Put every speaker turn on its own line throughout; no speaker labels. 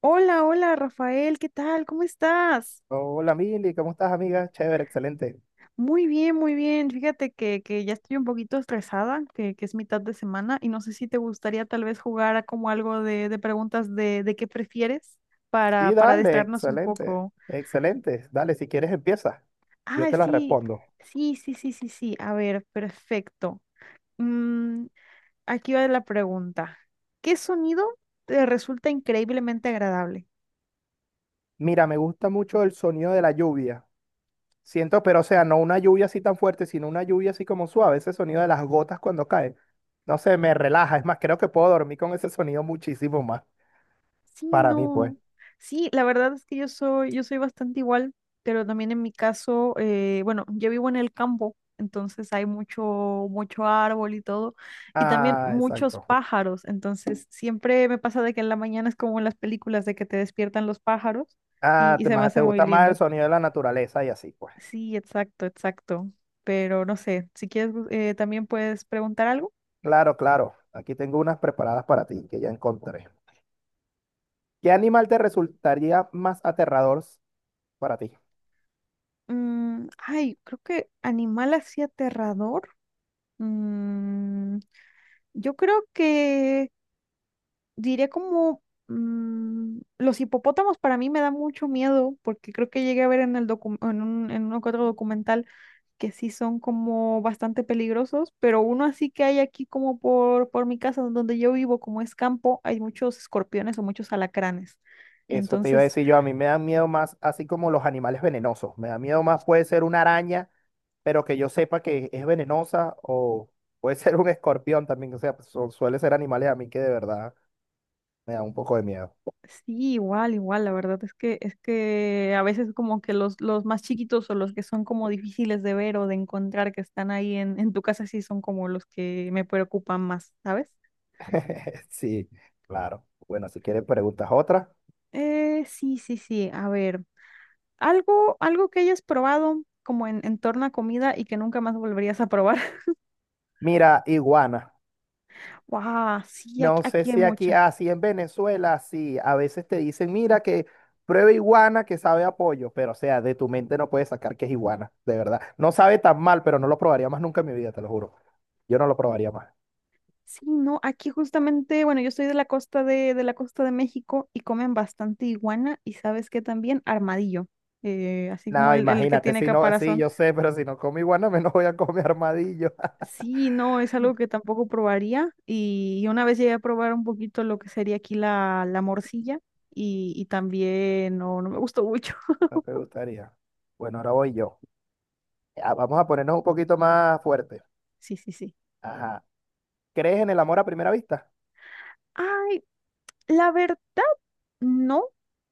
Hola, hola Rafael, ¿qué tal? ¿Cómo estás?
Hola Mili, ¿cómo estás amiga? Chévere, excelente.
Muy bien, muy bien. Fíjate que ya estoy un poquito estresada, que es mitad de semana y no sé si te gustaría tal vez jugar a como algo de preguntas de qué prefieres
Sí,
para
dale,
distraernos un
excelente,
poco.
excelente. Dale, si quieres empieza, yo
Ah,
te la
sí,
respondo.
sí, sí, sí, sí, sí. A ver, perfecto. Mm, aquí va la pregunta. ¿Qué sonido te resulta increíblemente agradable?
Mira, me gusta mucho el sonido de la lluvia. Siento, pero o sea, no una lluvia así tan fuerte, sino una lluvia así como suave, ese sonido de las gotas cuando cae. No sé, me relaja, es más, creo que puedo dormir con ese sonido muchísimo más,
Sí,
para mí pues.
no. Sí, la verdad es que yo soy bastante igual, pero también en mi caso, bueno, yo vivo en el campo, entonces hay mucho árbol y todo, y también
Ah,
muchos
exacto.
pájaros, entonces siempre me pasa de que en la mañana es como en las películas de que te despiertan los pájaros y,
Ah,
y
te,
se me
más, te
hace muy
gusta más
lindo.
el sonido de la naturaleza y así pues.
Sí, exacto, exacto. Pero no sé, si quieres, también puedes preguntar algo.
Claro, claro. Aquí tengo unas preparadas para ti que ya encontré. ¿Qué animal te resultaría más aterrador para ti?
Ay, creo que animal así aterrador. Mm, Yo creo que diré como los hipopótamos para mí me da mucho miedo porque creo que llegué a ver en el en un, en uno que otro documental que sí son como bastante peligrosos, pero uno así que hay aquí como por mi casa donde yo vivo, como es campo, hay muchos escorpiones o muchos alacranes.
Eso te iba a
Entonces,
decir yo. A mí me dan miedo más, así como los animales venenosos. Me da miedo más, puede ser una araña, pero que yo sepa que es venenosa, o puede ser un escorpión también. O sea, pues, son- suele ser animales a mí que de verdad me da un poco de miedo.
sí, igual, igual, la verdad es que a veces como que los más chiquitos o los que son como difíciles de ver o de encontrar que están ahí en tu casa sí son como los que me preocupan más, ¿sabes?
Sí, claro. Bueno, si quieres preguntas otra.
Sí, sí, sí, a ver, algo que hayas probado como en torno a comida y que nunca más volverías a probar.
Mira, iguana.
¡Wow! Sí, aquí,
No sé
aquí hay
si aquí,
muchas.
así en Venezuela, sí, a veces te dicen, mira que prueba iguana que sabe a pollo, pero o sea, de tu mente no puedes sacar que es iguana, de verdad. No sabe tan mal, pero no lo probaría más nunca en mi vida, te lo juro. Yo no lo probaría más.
Sí, no, aquí justamente, bueno, yo soy de la costa de la costa de México y comen bastante iguana y sabes que también armadillo, así como
No,
el que
imagínate,
tiene
si no, sí,
caparazón.
yo sé, pero si no como iguana, menos voy a comer armadillo.
Sí, no, es algo que tampoco probaría y una vez llegué a probar un poquito lo que sería aquí la, la morcilla y también no, no me gustó mucho.
No te gustaría. Bueno, ahora voy yo. Ah, vamos a ponernos un poquito más fuerte.
Sí, sí, sí.
Ajá. ¿Crees en el amor a primera vista?
Ay, la verdad, no,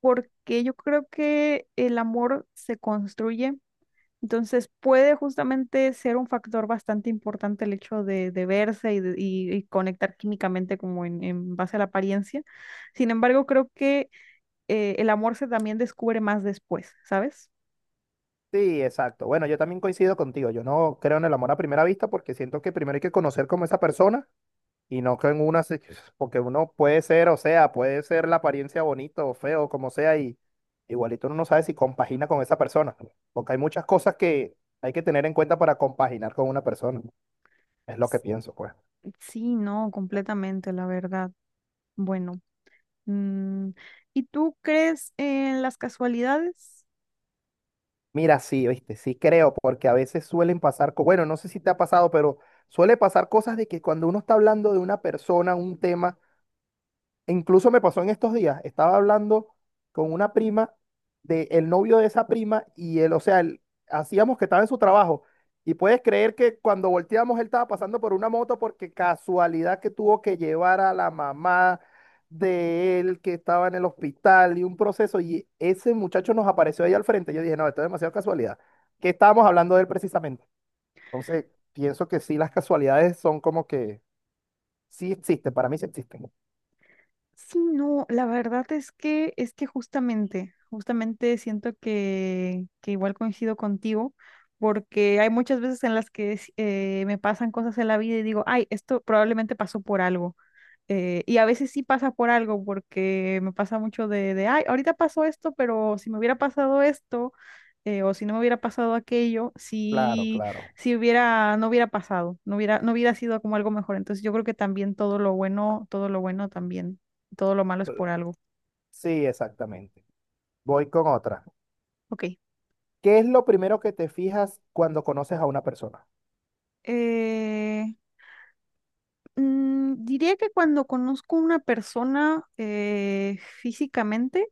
porque yo creo que el amor se construye. Entonces puede justamente ser un factor bastante importante el hecho de verse y conectar químicamente como en base a la apariencia. Sin embargo, creo que el amor se también descubre más después, ¿sabes?
Sí, exacto. Bueno, yo también coincido contigo. Yo no creo en el amor a primera vista porque siento que primero hay que conocer como esa persona y no que en una, se- porque uno puede ser, o sea, puede ser la apariencia bonito o feo, como sea, y igualito uno no sabe si compagina con esa persona, porque hay muchas cosas que hay que tener en cuenta para compaginar con una persona. Es lo que
S-
pienso, pues.
Sí, no, completamente, la verdad. Bueno, mm, ¿y tú crees en las casualidades?
Mira, sí, viste, sí creo, porque a veces suelen pasar, co- bueno, no sé si te ha pasado, pero suele pasar cosas de que cuando uno está hablando de una persona, un tema, incluso me pasó en estos días, estaba hablando con una prima de el novio de esa prima y él, o sea, él- hacíamos que estaba en su trabajo y puedes creer que cuando volteamos él estaba pasando por una moto porque casualidad que tuvo que llevar a la mamá de él que estaba en el hospital y un proceso y ese muchacho nos apareció ahí al frente. Yo dije, no, esto es demasiada casualidad. ¿Qué estábamos hablando de él precisamente? Entonces, pienso que sí, las casualidades son como que sí existen, para mí sí existen.
Sí, no, la verdad es que justamente siento que igual coincido contigo, porque hay muchas veces en las que me pasan cosas en la vida y digo, ay, esto probablemente pasó por algo. Y a veces sí pasa por algo, porque me pasa mucho ay, ahorita pasó esto, pero si me hubiera pasado esto, o si no me hubiera pasado aquello,
Claro,
si,
claro.
si hubiera, no hubiera pasado, no hubiera sido como algo mejor. Entonces yo creo que también todo lo bueno, todo lo malo es por algo.
Sí, exactamente. Voy con otra.
Ok.
¿Qué es lo primero que te fijas cuando conoces a una persona?
Eh, diría que cuando conozco a una persona físicamente,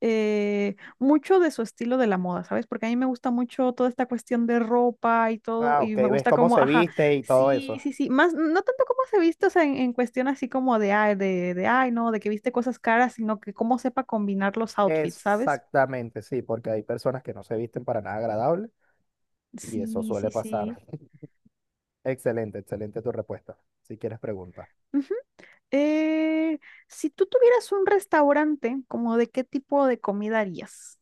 mucho de su estilo de la moda, ¿sabes? Porque a mí me gusta mucho toda esta cuestión de ropa y todo,
Ah, ok,
y me
ves
gusta
cómo
como,
se
ajá,
viste y todo
sí,
eso.
sí, sí, más, no tanto como se viste, o sea, en cuestión así como de, ay, ay, no, de que viste cosas caras, sino que cómo sepa combinar los outfits, ¿sabes?
Exactamente, sí, porque hay personas que no se visten para nada agradable y eso
Sí,
suele
sí,
pasar.
sí.
Excelente, excelente tu respuesta. Si quieres pregunta.
Ujú. Eh, si tú tuvieras un restaurante, ¿como de qué tipo de comida harías?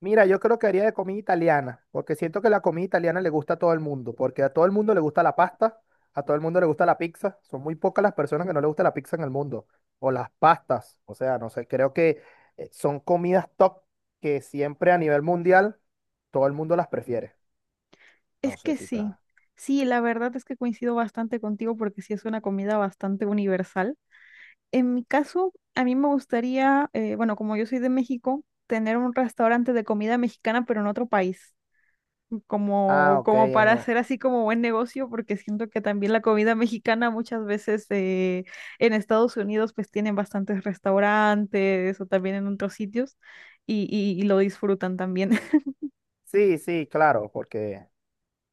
Mira, yo creo que haría de comida italiana, porque siento que la comida italiana le gusta a todo el mundo, porque a todo el mundo le gusta la pasta, a todo el mundo le gusta la pizza, son muy pocas las personas que no le gusta la pizza en el mundo, o las pastas, o sea, no sé, creo que son comidas top que siempre a nivel mundial todo el mundo las prefiere. No
Es
sé
que
si está...
sí, sí, la verdad es que coincido bastante contigo porque sí es una comida bastante universal. En mi caso, a mí me gustaría, bueno, como yo soy de México, tener un restaurante de comida mexicana, pero en otro país,
Ah,
como,
ok.
como para
En-
hacer así como buen negocio, porque siento que también la comida mexicana muchas veces en Estados Unidos pues tienen bastantes restaurantes o también en otros sitios y lo disfrutan también.
Sí, sí, claro, porque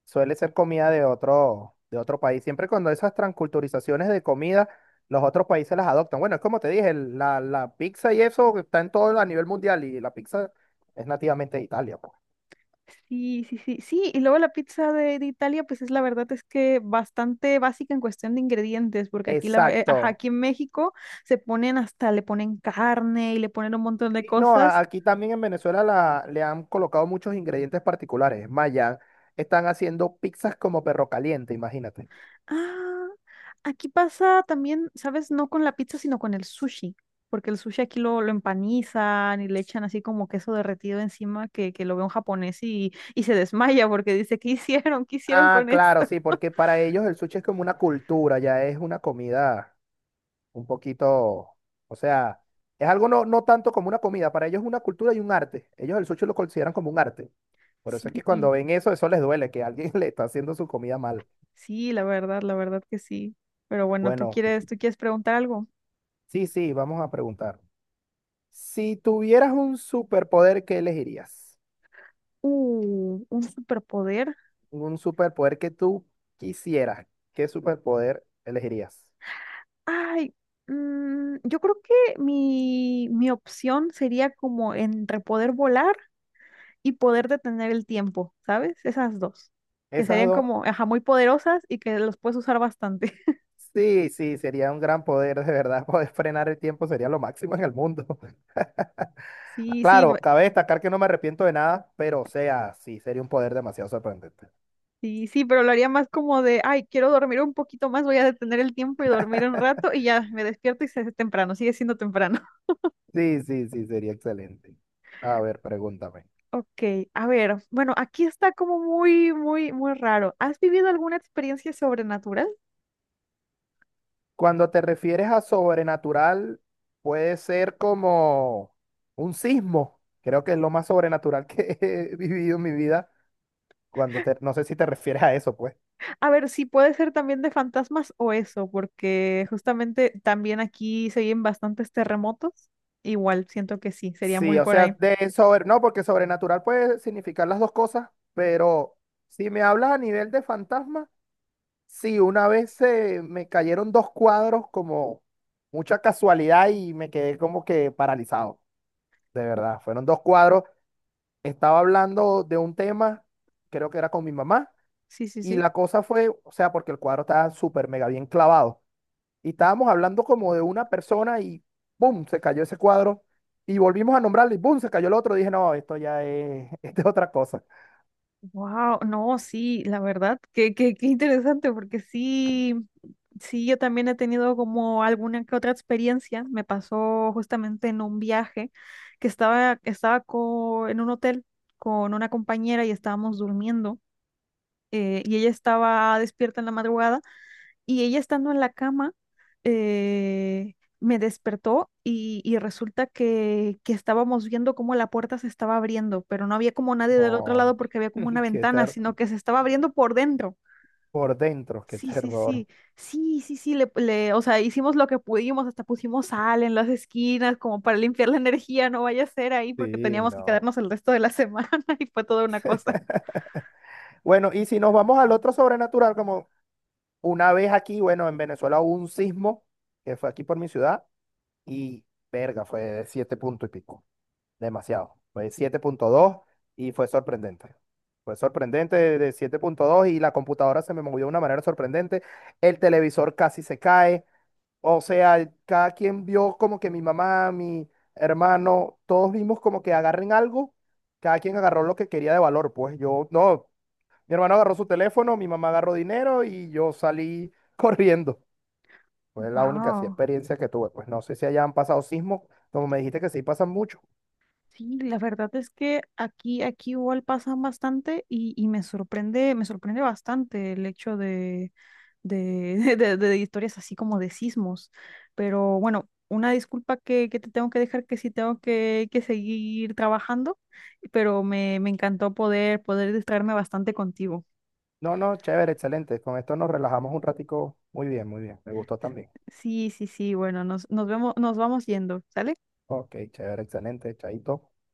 suele ser comida de otro país. Siempre cuando esas transculturizaciones de comida, los otros países las adoptan. Bueno, es como te dije, el- la pizza y eso está en todo a nivel mundial y la pizza es nativamente de Italia, pues.
Sí, sí, sí, sí, y luego la pizza de Italia, pues es la verdad es que bastante básica en cuestión de ingredientes, porque aquí, la, ajá,
Exacto.
aquí en México se ponen hasta, le ponen carne y le ponen un montón de
Sí, no, a-
cosas.
aquí también en Venezuela la- le han colocado muchos ingredientes particulares. Es más, ya están haciendo pizzas como perro caliente, imagínate.
Ah, aquí pasa también, ¿sabes? No con la pizza, sino con el sushi, porque el sushi aquí lo empanizan y le echan así como queso derretido encima que lo ve un japonés y se desmaya porque dice, ¿qué hicieron? ¿Qué hicieron
Ah,
con
claro,
esto?
sí, porque para ellos el sushi es como una cultura, ya es una comida. Un poquito, o sea, es algo no, no tanto como una comida, para ellos es una cultura y un arte. Ellos el sushi lo consideran como un arte. Por eso es que cuando
Sí.
ven eso, eso les duele, que alguien le está haciendo su comida mal.
Sí, la verdad que sí. Pero bueno, ¿tú
Bueno,
quieres, tú quieres preguntar algo?
sí, sí, vamos a preguntar. Si tuvieras un superpoder, ¿qué elegirías?
Un superpoder.
Un superpoder que tú quisieras, ¿qué superpoder elegirías?
Ay, yo creo que mi opción sería como entre poder volar y poder detener el tiempo, ¿sabes? Esas dos, que
Esas
serían
dos.
como, ajá, muy poderosas y que los puedes usar bastante.
Sí, sí, sería un gran poder, de verdad, poder frenar el tiempo sería lo máximo en el mundo.
Sí, sí, bu-
Claro, cabe destacar que no me arrepiento de nada, pero o sea, sí, sería un poder demasiado sorprendente.
sí, sí, pero lo haría más como de, ay, quiero dormir un poquito más, voy a detener el tiempo y dormir un rato y ya me despierto y se hace temprano, sigue siendo temprano.
Sí, sí, sí, sería excelente. A ver, pregúntame.
Ok, a ver, bueno, aquí está como muy, muy, muy raro. ¿Has vivido alguna experiencia sobrenatural?
Cuando te refieres a sobrenatural, puede ser como un sismo. Creo que es lo más sobrenatural que he vivido en mi vida. Cuando te, no sé si te refieres a eso, pues.
A ver, sí, puede ser también de fantasmas o eso, porque justamente también aquí se oyen bastantes terremotos. Igual, siento que sí, sería
Sí,
muy
o
por
sea,
ahí.
de sobre, no, porque sobrenatural puede significar las dos cosas, pero si me hablas a nivel de fantasma. Sí, una vez se me cayeron dos cuadros como mucha casualidad y me quedé como que paralizado, de verdad. Fueron dos cuadros. Estaba hablando de un tema, creo que era con mi mamá,
Sí, sí,
y
sí.
la cosa fue, o sea, porque el cuadro estaba súper mega bien clavado. Y estábamos hablando como de una persona y ¡boom! Se cayó ese cuadro. Y volvimos a nombrarlo y ¡boom! Se cayó el otro. Dije, no, esto ya es, esto es otra cosa.
Wow, no, sí, la verdad, que qué, qué interesante, porque sí. Sí, yo también he tenido como alguna que otra experiencia. Me pasó justamente en un viaje estaba en un hotel con una compañera y estábamos durmiendo y ella estaba despierta en la madrugada y ella estando en la cama me despertó y resulta que estábamos viendo cómo la puerta se estaba abriendo, pero no había como nadie del otro
No,
lado porque había como una
qué
ventana,
ter
sino que se estaba abriendo por dentro.
por dentro, qué
Sí, sí,
terror.
sí, sí, sí, sí, o sea, hicimos lo que pudimos, hasta pusimos sal en las esquinas como para limpiar la energía, no vaya a ser ahí porque
Sí,
teníamos que
no.
quedarnos el resto de la semana y fue toda una cosa.
Bueno, y si nos vamos al otro sobrenatural, como una vez aquí, bueno, en Venezuela hubo un sismo que fue aquí por mi ciudad y verga, fue de 7 puntos y pico, demasiado, fue 7.2 y fue sorprendente. Fue sorprendente de 7.2 y la computadora se me movió de una manera sorprendente, el televisor casi se cae, o sea, cada quien vio como que mi mamá, mi hermano, todos vimos como que agarren algo, cada quien agarró lo que quería de valor, pues yo no, mi hermano agarró su teléfono, mi mamá agarró dinero y yo salí corriendo. Fue la única así,
Wow.
experiencia que tuve. Pues no sé si hayan pasado sismos, como me dijiste que sí pasan mucho.
Sí, la verdad es que aquí, aquí igual pasan bastante y me sorprende bastante el hecho de, de historias así como de sismos. Pero bueno, una disculpa que te tengo que dejar, que sí tengo que seguir trabajando, pero me encantó poder, poder distraerme bastante contigo.
No, no, chévere, excelente. Con esto nos relajamos un ratico. Muy bien, muy bien. Me gustó también.
Sí, sí, sí, bueno, nos, nos vemos, nos vamos yendo, ¿sale?
Ok, chévere, excelente, chaito.